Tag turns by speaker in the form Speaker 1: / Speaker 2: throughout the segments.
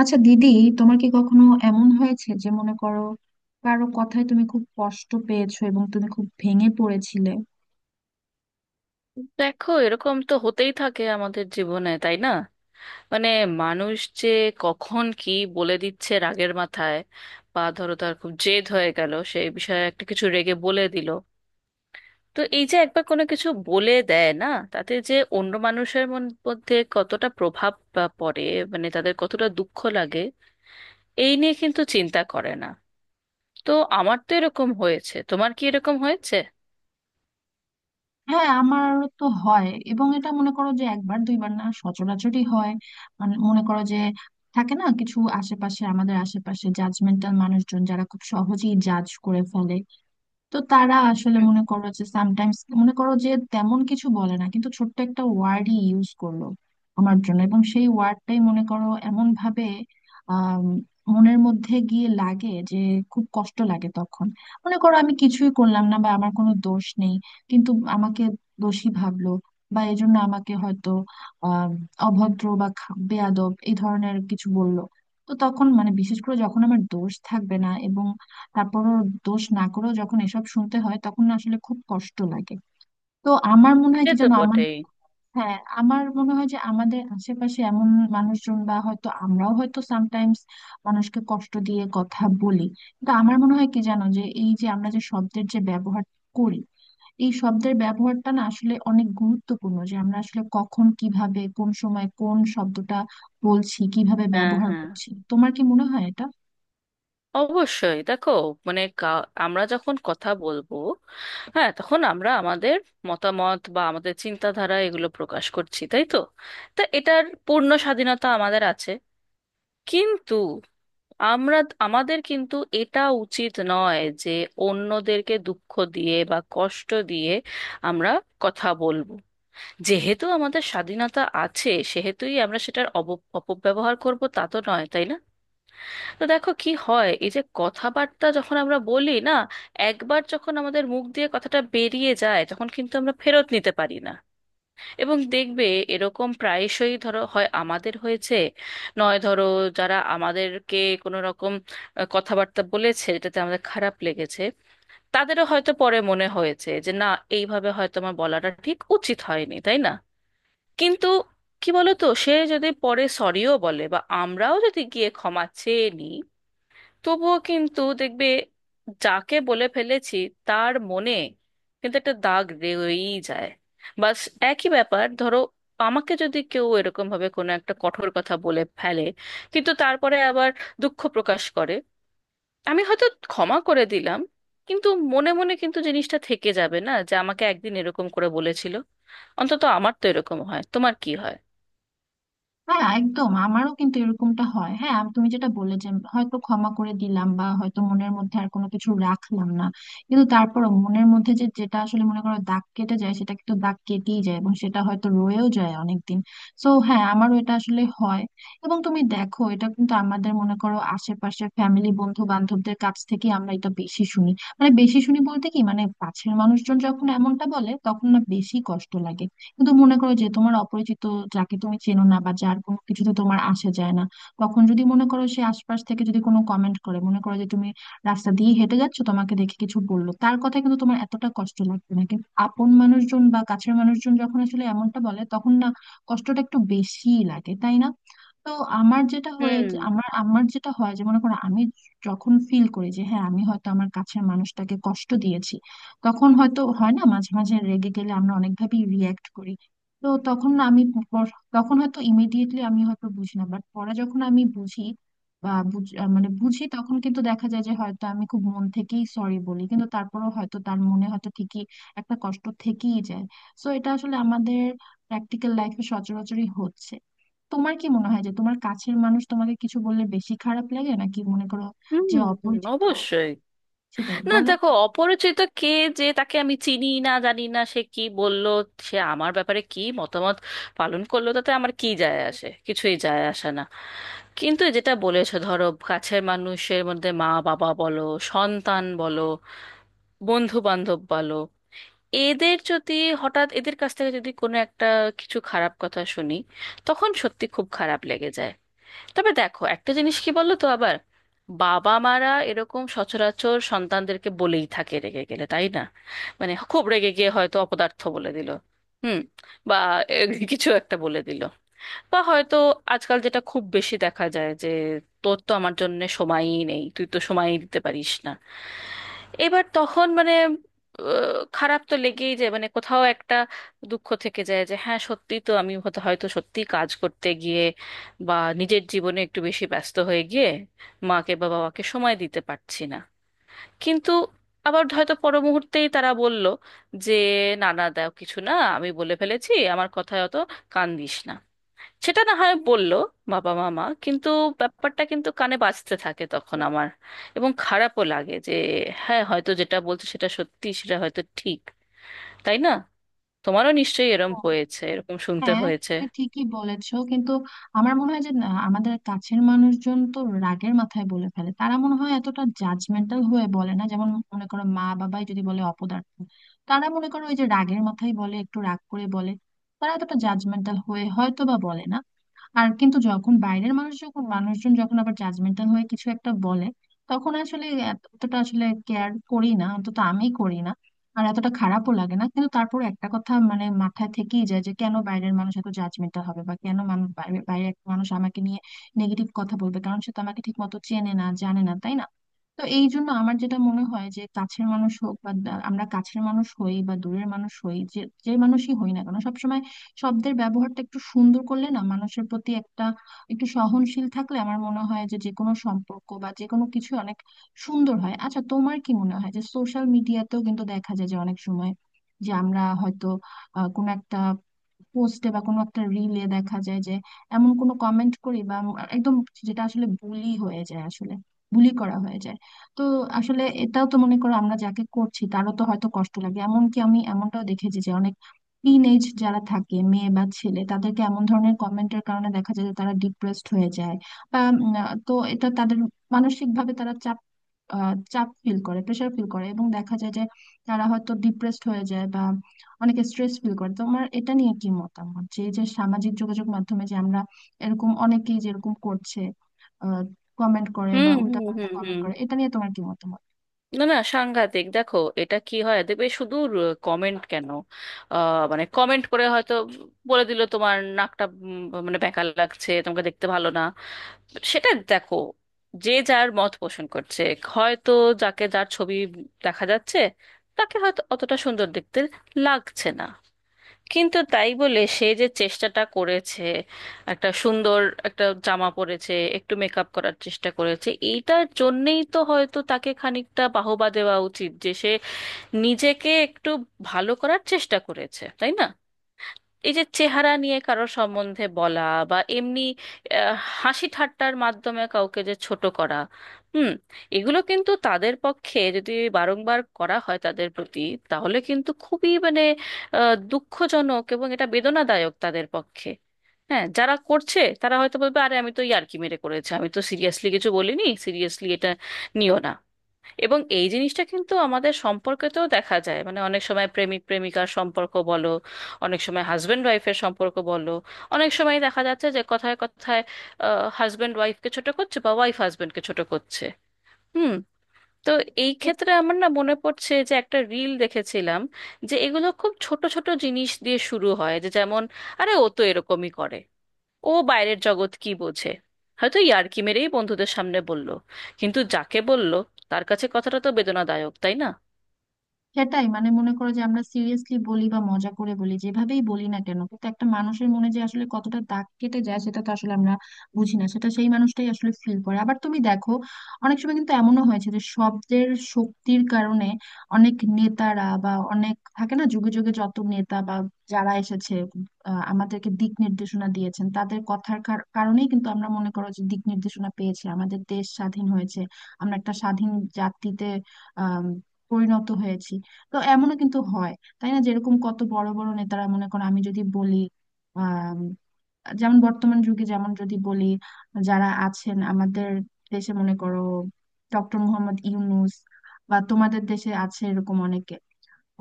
Speaker 1: আচ্ছা দিদি, তোমার কি কখনো এমন হয়েছে যে মনে করো কারো কথায় তুমি খুব কষ্ট পেয়েছো এবং তুমি খুব ভেঙে পড়েছিলে?
Speaker 2: দেখো, এরকম তো হতেই থাকে আমাদের জীবনে, তাই না? মানে মানুষ যে কখন কি বলে দিচ্ছে রাগের মাথায়, বা ধরো তার খুব জেদ হয়ে গেল সেই বিষয়ে, একটা কিছু রেগে বলে দিল। তো এই যে একবার কোনো কিছু বলে দেয় না, তাতে যে অন্য মানুষের মধ্যে কতটা প্রভাব বা পড়ে, মানে তাদের কতটা দুঃখ লাগে, এই নিয়ে কিন্তু চিন্তা করে না। তো আমার তো এরকম হয়েছে, তোমার কি এরকম হয়েছে?
Speaker 1: হ্যাঁ আমার তো হয়, এবং এটা মনে করো যে একবার দুইবার না, সচরাচরই হয়। মানে মনে করো যে থাকে না কিছু আশেপাশে, আমাদের আশেপাশে জাজমেন্টাল মানুষজন যারা খুব সহজেই জাজ করে ফেলে। তো তারা আসলে
Speaker 2: হুম।
Speaker 1: মনে করো যে সামটাইমস মনে করো যে তেমন কিছু বলে না, কিন্তু ছোট্ট একটা ওয়ার্ডই ইউজ করলো আমার জন্য, এবং সেই ওয়ার্ডটাই মনে করো এমন ভাবে আম, মনের মধ্যে গিয়ে লাগে যে খুব কষ্ট লাগে তখন। মনে করো আমি কিছুই করলাম না বা আমার কোনো দোষ নেই, কিন্তু আমাকে দোষী ভাবলো, বা এজন্য আমাকে হয়তো আহ অভদ্র বা বেয়াদব এই ধরনের কিছু বললো। তো তখন মানে বিশেষ করে যখন আমার দোষ থাকবে না, এবং তারপরও দোষ না করেও যখন এসব শুনতে হয়, তখন না আসলে খুব কষ্ট লাগে। তো আমার মনে হয়
Speaker 2: সে
Speaker 1: কি
Speaker 2: তো
Speaker 1: জানো আমার,
Speaker 2: বটেই।
Speaker 1: হ্যাঁ আমার মনে হয় যে আমাদের আশেপাশে এমন মানুষজন, বা হয়তো আমরাও হয়তো সামটাইমস মানুষকে কষ্ট দিয়ে কথা বলি। কিন্তু আমার মনে হয় কি জানো, যে এই যে আমরা যে শব্দের যে ব্যবহার করি, এই শব্দের ব্যবহারটা না আসলে অনেক গুরুত্বপূর্ণ, যে আমরা আসলে কখন কিভাবে কোন সময় কোন শব্দটা বলছি, কিভাবে
Speaker 2: হ্যাঁ,
Speaker 1: ব্যবহার
Speaker 2: হ্যাঁ,
Speaker 1: করছি। তোমার কি মনে হয় এটা?
Speaker 2: অবশ্যই। দেখো, মানে কা- আমরা যখন কথা বলবো, হ্যাঁ, তখন আমরা আমাদের মতামত বা আমাদের চিন্তাধারা এগুলো প্রকাশ করছি, তাই তো? তা এটার পূর্ণ স্বাধীনতা আমাদের আছে। কিন্তু আমরা আমাদের কিন্তু এটা উচিত নয় যে অন্যদেরকে দুঃখ দিয়ে বা কষ্ট দিয়ে আমরা কথা বলবো। যেহেতু আমাদের স্বাধীনতা আছে, সেহেতুই আমরা সেটার অপব্যবহার করব, তা তো নয়, তাই না? তো দেখো কি হয়, এই যে কথাবার্তা যখন আমরা বলি না, একবার যখন আমাদের মুখ দিয়ে কথাটা বেরিয়ে যায়, তখন কিন্তু আমরা ফেরত নিতে পারি না। এবং দেখবে এরকম প্রায়শই ধরো হয়, আমাদের হয়েছে, নয় ধরো, যারা আমাদেরকে কোনো রকম কথাবার্তা বলেছে যেটাতে আমাদের খারাপ লেগেছে, তাদেরও হয়তো পরে মনে হয়েছে যে না, এইভাবে হয়তো আমার বলাটা ঠিক উচিত হয়নি, তাই না? কিন্তু কি বলতো, সে যদি পরে সরিও বলে বা আমরাও যদি গিয়ে ক্ষমা চেয়ে নিই, তবুও কিন্তু দেখবে, যাকে বলে ফেলেছি, তার মনে কিন্তু একটা দাগ রয়েই যায়। বাস, একই ব্যাপার ধরো, আমাকে যদি কেউ এরকম ভাবে কোনো একটা কঠোর কথা বলে ফেলে, কিন্তু তারপরে আবার দুঃখ প্রকাশ করে, আমি হয়তো ক্ষমা করে দিলাম, কিন্তু মনে মনে কিন্তু জিনিসটা থেকে যাবে, না, যে আমাকে একদিন এরকম করে বলেছিল। অন্তত আমার তো এরকম হয়, তোমার কি হয়?
Speaker 1: হ্যাঁ একদম, আমারও কিন্তু এরকমটা হয়। হ্যাঁ তুমি যেটা বললে যে হয়তো ক্ষমা করে দিলাম বা হয়তো মনের মধ্যে আর কোনো কিছু রাখলাম না, কিন্তু তারপরও মনের মধ্যে যে যেটা আসলে মনে করো দাগ কেটে যায়, সেটা কিন্তু দাগ কেটেই যায়, এবং সেটা হয়তো রয়েও যায় অনেকদিন। সো হ্যাঁ, আমারও এটা আসলে হয়। এবং তুমি দেখো এটা কিন্তু আমাদের মনে করো আশেপাশের ফ্যামিলি বন্ধু বান্ধবদের কাছ থেকে আমরা এটা বেশি শুনি। মানে বেশি শুনি বলতে কি, মানে কাছের মানুষজন যখন এমনটা বলে তখন না বেশি কষ্ট লাগে। কিন্তু মনে করো যে তোমার অপরিচিত, যাকে তুমি চেনো না বা যার কোনো কিছুতে তোমার আসা যায় না, তখন যদি মনে করো সে আশপাশ থেকে যদি কোনো কমেন্ট করে, মনে করো যে তুমি রাস্তা দিয়ে হেঁটে যাচ্ছো, তোমাকে দেখে কিছু বললো, তার কথা কিন্তু তোমার এতটা কষ্ট লাগবে না। কিন্তু আপন মানুষজন বা কাছের মানুষজন যখন আসলে এমনটা বলে তখন না কষ্টটা একটু বেশিই লাগে, তাই না? তো আমার যেটা হয়েছে,
Speaker 2: হুম
Speaker 1: আমার আমার যেটা হয় যে মনে করো আমি যখন ফিল করি যে হ্যাঁ আমি হয়তো আমার কাছের মানুষটাকে কষ্ট দিয়েছি, তখন হয়তো হয় না মাঝে মাঝে রেগে গেলে আমরা অনেকভাবেই রিয়্যাক্ট করি। তো তখন না আমি তখন হয়তো ইমিডিয়েটলি আমি হয়তো বুঝি না, বাট পরে যখন আমি বুঝি বা মানে বুঝি, তখন কিন্তু দেখা যায় যে হয়তো আমি খুব মন থেকেই সরি বলি, কিন্তু তারপরেও হয়তো তার মনে হয়তো ঠিকই একটা কষ্ট থেকেই যায়। সো এটা আসলে আমাদের প্র্যাকটিক্যাল লাইফে সচরাচরই হচ্ছে। তোমার কি মনে হয় যে তোমার কাছের মানুষ তোমাকে কিছু বললে বেশি খারাপ লাগে, নাকি মনে করো
Speaker 2: হুম
Speaker 1: যে
Speaker 2: হুম,
Speaker 1: অপরিচিত?
Speaker 2: অবশ্যই।
Speaker 1: সেটাই
Speaker 2: না,
Speaker 1: বলো।
Speaker 2: দেখো, অপরিচিত কে, যে তাকে আমি চিনি না জানি না, সে কি বলল, সে আমার ব্যাপারে কি মতামত পালন করলো, তাতে আমার কি যায় আসে? কিছুই যায় আসে না। কিন্তু যেটা বলেছো ধরো কাছের মানুষের মধ্যে, মা বাবা বলো, সন্তান বলো, বন্ধু বান্ধব বলো, এদের যদি হঠাৎ এদের কাছ থেকে যদি কোনো একটা কিছু খারাপ কথা শুনি, তখন সত্যি খুব খারাপ লেগে যায়। তবে দেখো একটা জিনিস কি বলো তো, আবার বাবা মারা এরকম সচরাচর সন্তানদেরকে বলেই থাকে রেগে গেলে, তাই না? খুব রেগে গিয়ে হয়তো অপদার্থ বলে দিল। হুম। বা এ, কিছু একটা বলে দিল, বা হয়তো আজকাল যেটা খুব বেশি দেখা যায় যে তোর তো আমার জন্য সময়ই নেই, তুই তো সময়ই দিতে পারিস না। এবার তখন খারাপ তো লেগেই যায়, মানে কোথাও একটা দুঃখ থেকে যায় যে হ্যাঁ, সত্যি তো, আমি হয়তো হয়তো সত্যি কাজ করতে গিয়ে বা নিজের জীবনে একটু বেশি ব্যস্ত হয়ে গিয়ে মাকে বা বাবাকে সময় দিতে পারছি না। কিন্তু আবার হয়তো পর মুহূর্তেই তারা বলল যে না না, দাও কিছু না, আমি বলে ফেলেছি, আমার কথায় অত কান দিস না। সেটা না হয় বললো বাবা মামা, কিন্তু ব্যাপারটা কিন্তু কানে বাজতে থাকে তখন আমার। এবং খারাপও লাগে যে হ্যাঁ, হয়তো যেটা বলছে সেটা সত্যি, সেটা হয়তো ঠিক, তাই না? তোমারও নিশ্চয়ই এরম হয়েছে, এরকম শুনতে
Speaker 1: হ্যাঁ
Speaker 2: হয়েছে।
Speaker 1: তুমি ঠিকই বলেছো, কিন্তু আমার মনে হয় যে না, আমাদের কাছের মানুষজন তো রাগের মাথায় বলে ফেলে, তারা মনে হয় এতটা জাজমেন্টাল হয়ে বলে না। যেমন মনে করো মা বাবাই যদি বলে অপদার্থ, তারা মনে করো ওই যে রাগের মাথায় বলে, একটু রাগ করে বলে, তারা এতটা জাজমেন্টাল হয়ে হয়তো বা বলে না। আর কিন্তু যখন বাইরের মানুষ, যখন মানুষজন যখন আবার জাজমেন্টাল হয়ে কিছু একটা বলে, তখন আসলে এতটা আসলে কেয়ার করি না, অন্তত আমি করি না। আর এতটা খারাপও লাগে না, কিন্তু তারপর একটা কথা মানে মাথায় থেকেই যায় যে কেন বাইরের মানুষ এত জাজমেন্টাল হবে, বা কেন মানুষ বাইরে বাইরে একটা মানুষ আমাকে নিয়ে নেগেটিভ কথা বলবে? কারণ সে তো আমাকে ঠিক মতো চেনে না জানে না, তাই না? তো এই জন্য আমার যেটা মনে হয় যে কাছের মানুষ হোক বা আমরা কাছের মানুষ হই বা দূরের মানুষ হই, যে যে মানুষই হই না কেন, সবসময় শব্দের ব্যবহারটা একটু সুন্দর করলে না, মানুষের প্রতি একটা একটু সহনশীল থাকলে, আমার মনে হয় যে যে কোনো সম্পর্ক বা যে কোনো কিছু অনেক সুন্দর হয়। আচ্ছা তোমার কি মনে হয় যে সোশ্যাল মিডিয়াতেও কিন্তু দেখা যায় যে অনেক সময় যে আমরা হয়তো কোনো একটা পোস্টে বা কোনো একটা রিলে দেখা যায় যে এমন কোনো কমেন্ট করি বা একদম যেটা আসলে বুলি হয়ে যায় আসলে, বুলি করা হয়ে যায়। তো আসলে এটাও তো মনে করো আমরা যাকে করছি তারও তো হয়তো কষ্ট লাগে। এমনকি আমি এমনটাও দেখেছি যে অনেক টিন এজ যারা থাকে, মেয়ে বা ছেলে, তাদেরকে এমন ধরনের কমেন্টের কারণে দেখা যায় যে তারা ডিপ্রেসড হয়ে যায় বা তো এটা তাদের মানসিক ভাবে তারা চাপ, চাপ ফিল করে, প্রেশার ফিল করে, এবং দেখা যায় যে তারা হয়তো ডিপ্রেসড হয়ে যায় বা অনেকে স্ট্রেস ফিল করে। তোমার এটা নিয়ে কি মতামত যে এই যে সামাজিক যোগাযোগ মাধ্যমে যে আমরা এরকম অনেকেই যেরকম করছে আহ কমেন্ট করে
Speaker 2: হুম
Speaker 1: বা
Speaker 2: হুম
Speaker 1: উল্টাপাল্টা
Speaker 2: হুম
Speaker 1: কমেন্ট
Speaker 2: হুম
Speaker 1: করে, এটা নিয়ে তোমার কি মতামত?
Speaker 2: না না, সাংঘাতিক। দেখো, এটা কি হয়, দেখবে শুধু কমেন্ট কেন, আহ, মানে কমেন্ট করে হয়তো বলে দিল তোমার নাকটা মানে বেঁকা লাগছে, তোমাকে দেখতে ভালো না। সেটা দেখো, যে যার মত পোষণ করছে। হয়তো যাকে, যার ছবি দেখা যাচ্ছে, তাকে হয়তো অতটা সুন্দর দেখতে লাগছে না, কিন্তু তাই বলে সে যে চেষ্টাটা করেছে, একটা সুন্দর একটা জামা পরেছে, একটু মেকআপ করার চেষ্টা করেছে, এইটার জন্যেই তো হয়তো তাকে খানিকটা বাহবা দেওয়া উচিত যে সে নিজেকে একটু ভালো করার চেষ্টা করেছে, তাই না? এই যে চেহারা নিয়ে কারো সম্বন্ধে বলা বা এমনি আহ, হাসি ঠাট্টার মাধ্যমে কাউকে যে ছোট করা। হুম। এগুলো কিন্তু তাদের পক্ষে যদি বারংবার করা হয় তাদের প্রতি, তাহলে কিন্তু খুবই দুঃখজনক এবং এটা বেদনাদায়ক তাদের পক্ষে। হ্যাঁ, যারা করছে তারা হয়তো বলবে আরে আমি তো ইয়ার্কি মেরে করেছি, আমি তো সিরিয়াসলি কিছু বলিনি, সিরিয়াসলি এটা নিও না। এবং এই জিনিসটা কিন্তু আমাদের সম্পর্কেতেও দেখা যায়, মানে অনেক সময় প্রেমিক প্রেমিকার সম্পর্ক বলো, অনেক সময় হাজবেন্ড ওয়াইফের সম্পর্ক বলো, অনেক সময় দেখা যাচ্ছে যে কথায় কথায় হাজবেন্ড ওয়াইফকে ছোট করছে বা ওয়াইফ হাজবেন্ডকে ছোট করছে। হুম। তো এই ক্ষেত্রে আমার না মনে পড়ছে যে একটা রিল দেখেছিলাম যে এগুলো খুব ছোট ছোট জিনিস দিয়ে শুরু হয়, যে যেমন আরে ও তো এরকমই করে, ও বাইরের জগৎ কি বোঝে, হয়তো ইয়ার্কি মেরেই বন্ধুদের সামনে বলল, কিন্তু যাকে বলল, তার কাছে কথাটা তো বেদনাদায়ক, তাই না?
Speaker 1: সেটাই, মানে মনে করো যে আমরা সিরিয়াসলি বলি বা মজা করে বলি, যেভাবেই বলি না কেন, কিন্তু একটা মানুষের মনে যে আসলে কতটা দাগ কেটে যায় সেটা তো আসলে আমরা বুঝি না, সেটা সেই মানুষটাই আসলে ফিল করে। আবার তুমি দেখো অনেক সময় কিন্তু এমনও হয়েছে যে শব্দের শক্তির কারণে অনেক নেতারা বা অনেক থাকে না যুগে যুগে যত নেতা বা যারা এসেছে আমাদেরকে দিক নির্দেশনা দিয়েছেন, তাদের কথার কারণেই কিন্তু আমরা মনে করো যে দিক নির্দেশনা পেয়েছে, আমাদের দেশ স্বাধীন হয়েছে, আমরা একটা স্বাধীন জাতিতে আহ পরিণত হয়েছি। তো এমনও কিন্তু হয়, তাই না? যেরকম কত বড় বড় নেতারা, মনে করো আমি যদি বলি আহ যেমন বর্তমান যুগে যেমন যদি বলি, যারা আছেন আমাদের দেশে মনে করো ডক্টর মোহাম্মদ ইউনূস, বা তোমাদের দেশে আছে এরকম অনেকে।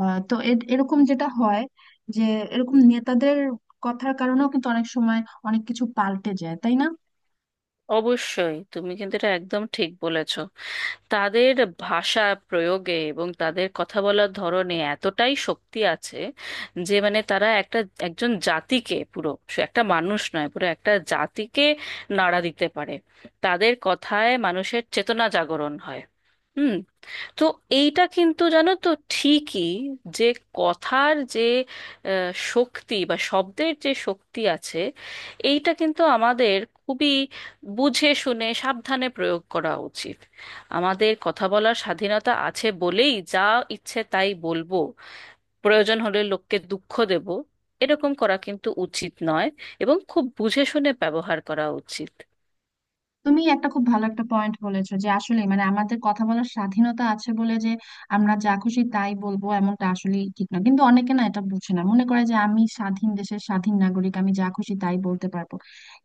Speaker 1: তো এরকম যেটা হয় যে এরকম নেতাদের কথার কারণেও কিন্তু অনেক সময় অনেক কিছু পাল্টে যায়, তাই না?
Speaker 2: অবশ্যই, তুমি কিন্তু এটা একদম ঠিক বলেছ। তাদের ভাষা প্রয়োগে এবং তাদের কথা বলার ধরনে এতটাই শক্তি আছে যে, মানে তারা একটা, একজন জাতিকে পুরো, সে একটা মানুষ নয়, পুরো একটা জাতিকে নাড়া দিতে পারে। তাদের কথায় মানুষের চেতনা জাগরণ হয়। হুম। তো এইটা কিন্তু জানো তো, ঠিকই, যে কথার যে শক্তি বা শব্দের যে শক্তি আছে, এইটা কিন্তু আমাদের খুবই বুঝে শুনে সাবধানে প্রয়োগ করা উচিত। আমাদের কথা বলার স্বাধীনতা আছে বলেই যা ইচ্ছে তাই বলবো, প্রয়োজন হলে লোককে দুঃখ দেব, এরকম করা কিন্তু উচিত নয়। এবং খুব বুঝে শুনে ব্যবহার করা উচিত।
Speaker 1: তুমি একটা খুব ভালো একটা পয়েন্ট বলেছো, যে আসলে মানে আমাদের কথা বলার স্বাধীনতা আছে বলে যে আমরা যা খুশি তাই বলবো, এমনটা আসলে ঠিক না। কিন্তু অনেকে না এটা বুঝে না, মনে করে যে আমি স্বাধীন দেশের স্বাধীন নাগরিক আমি যা খুশি তাই বলতে পারবো।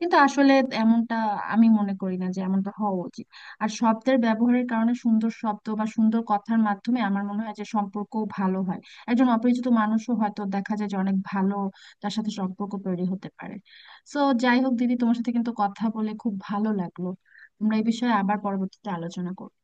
Speaker 1: কিন্তু আসলে এমনটা, আমি মনে করি না যে এমনটা হওয়া উচিত। আর শব্দের ব্যবহারের কারণে, সুন্দর শব্দ বা সুন্দর কথার মাধ্যমে আমার মনে হয় যে সম্পর্ক ভালো হয়। একজন অপরিচিত মানুষও হয়তো দেখা যায় যে অনেক ভালো, তার সাথে সম্পর্ক তৈরি হতে পারে। সো যাই হোক দিদি, তোমার সাথে কিন্তু কথা বলে খুব ভালো লাগলো। আমরা এই বিষয়ে আবার পরবর্তীতে আলোচনা করবো।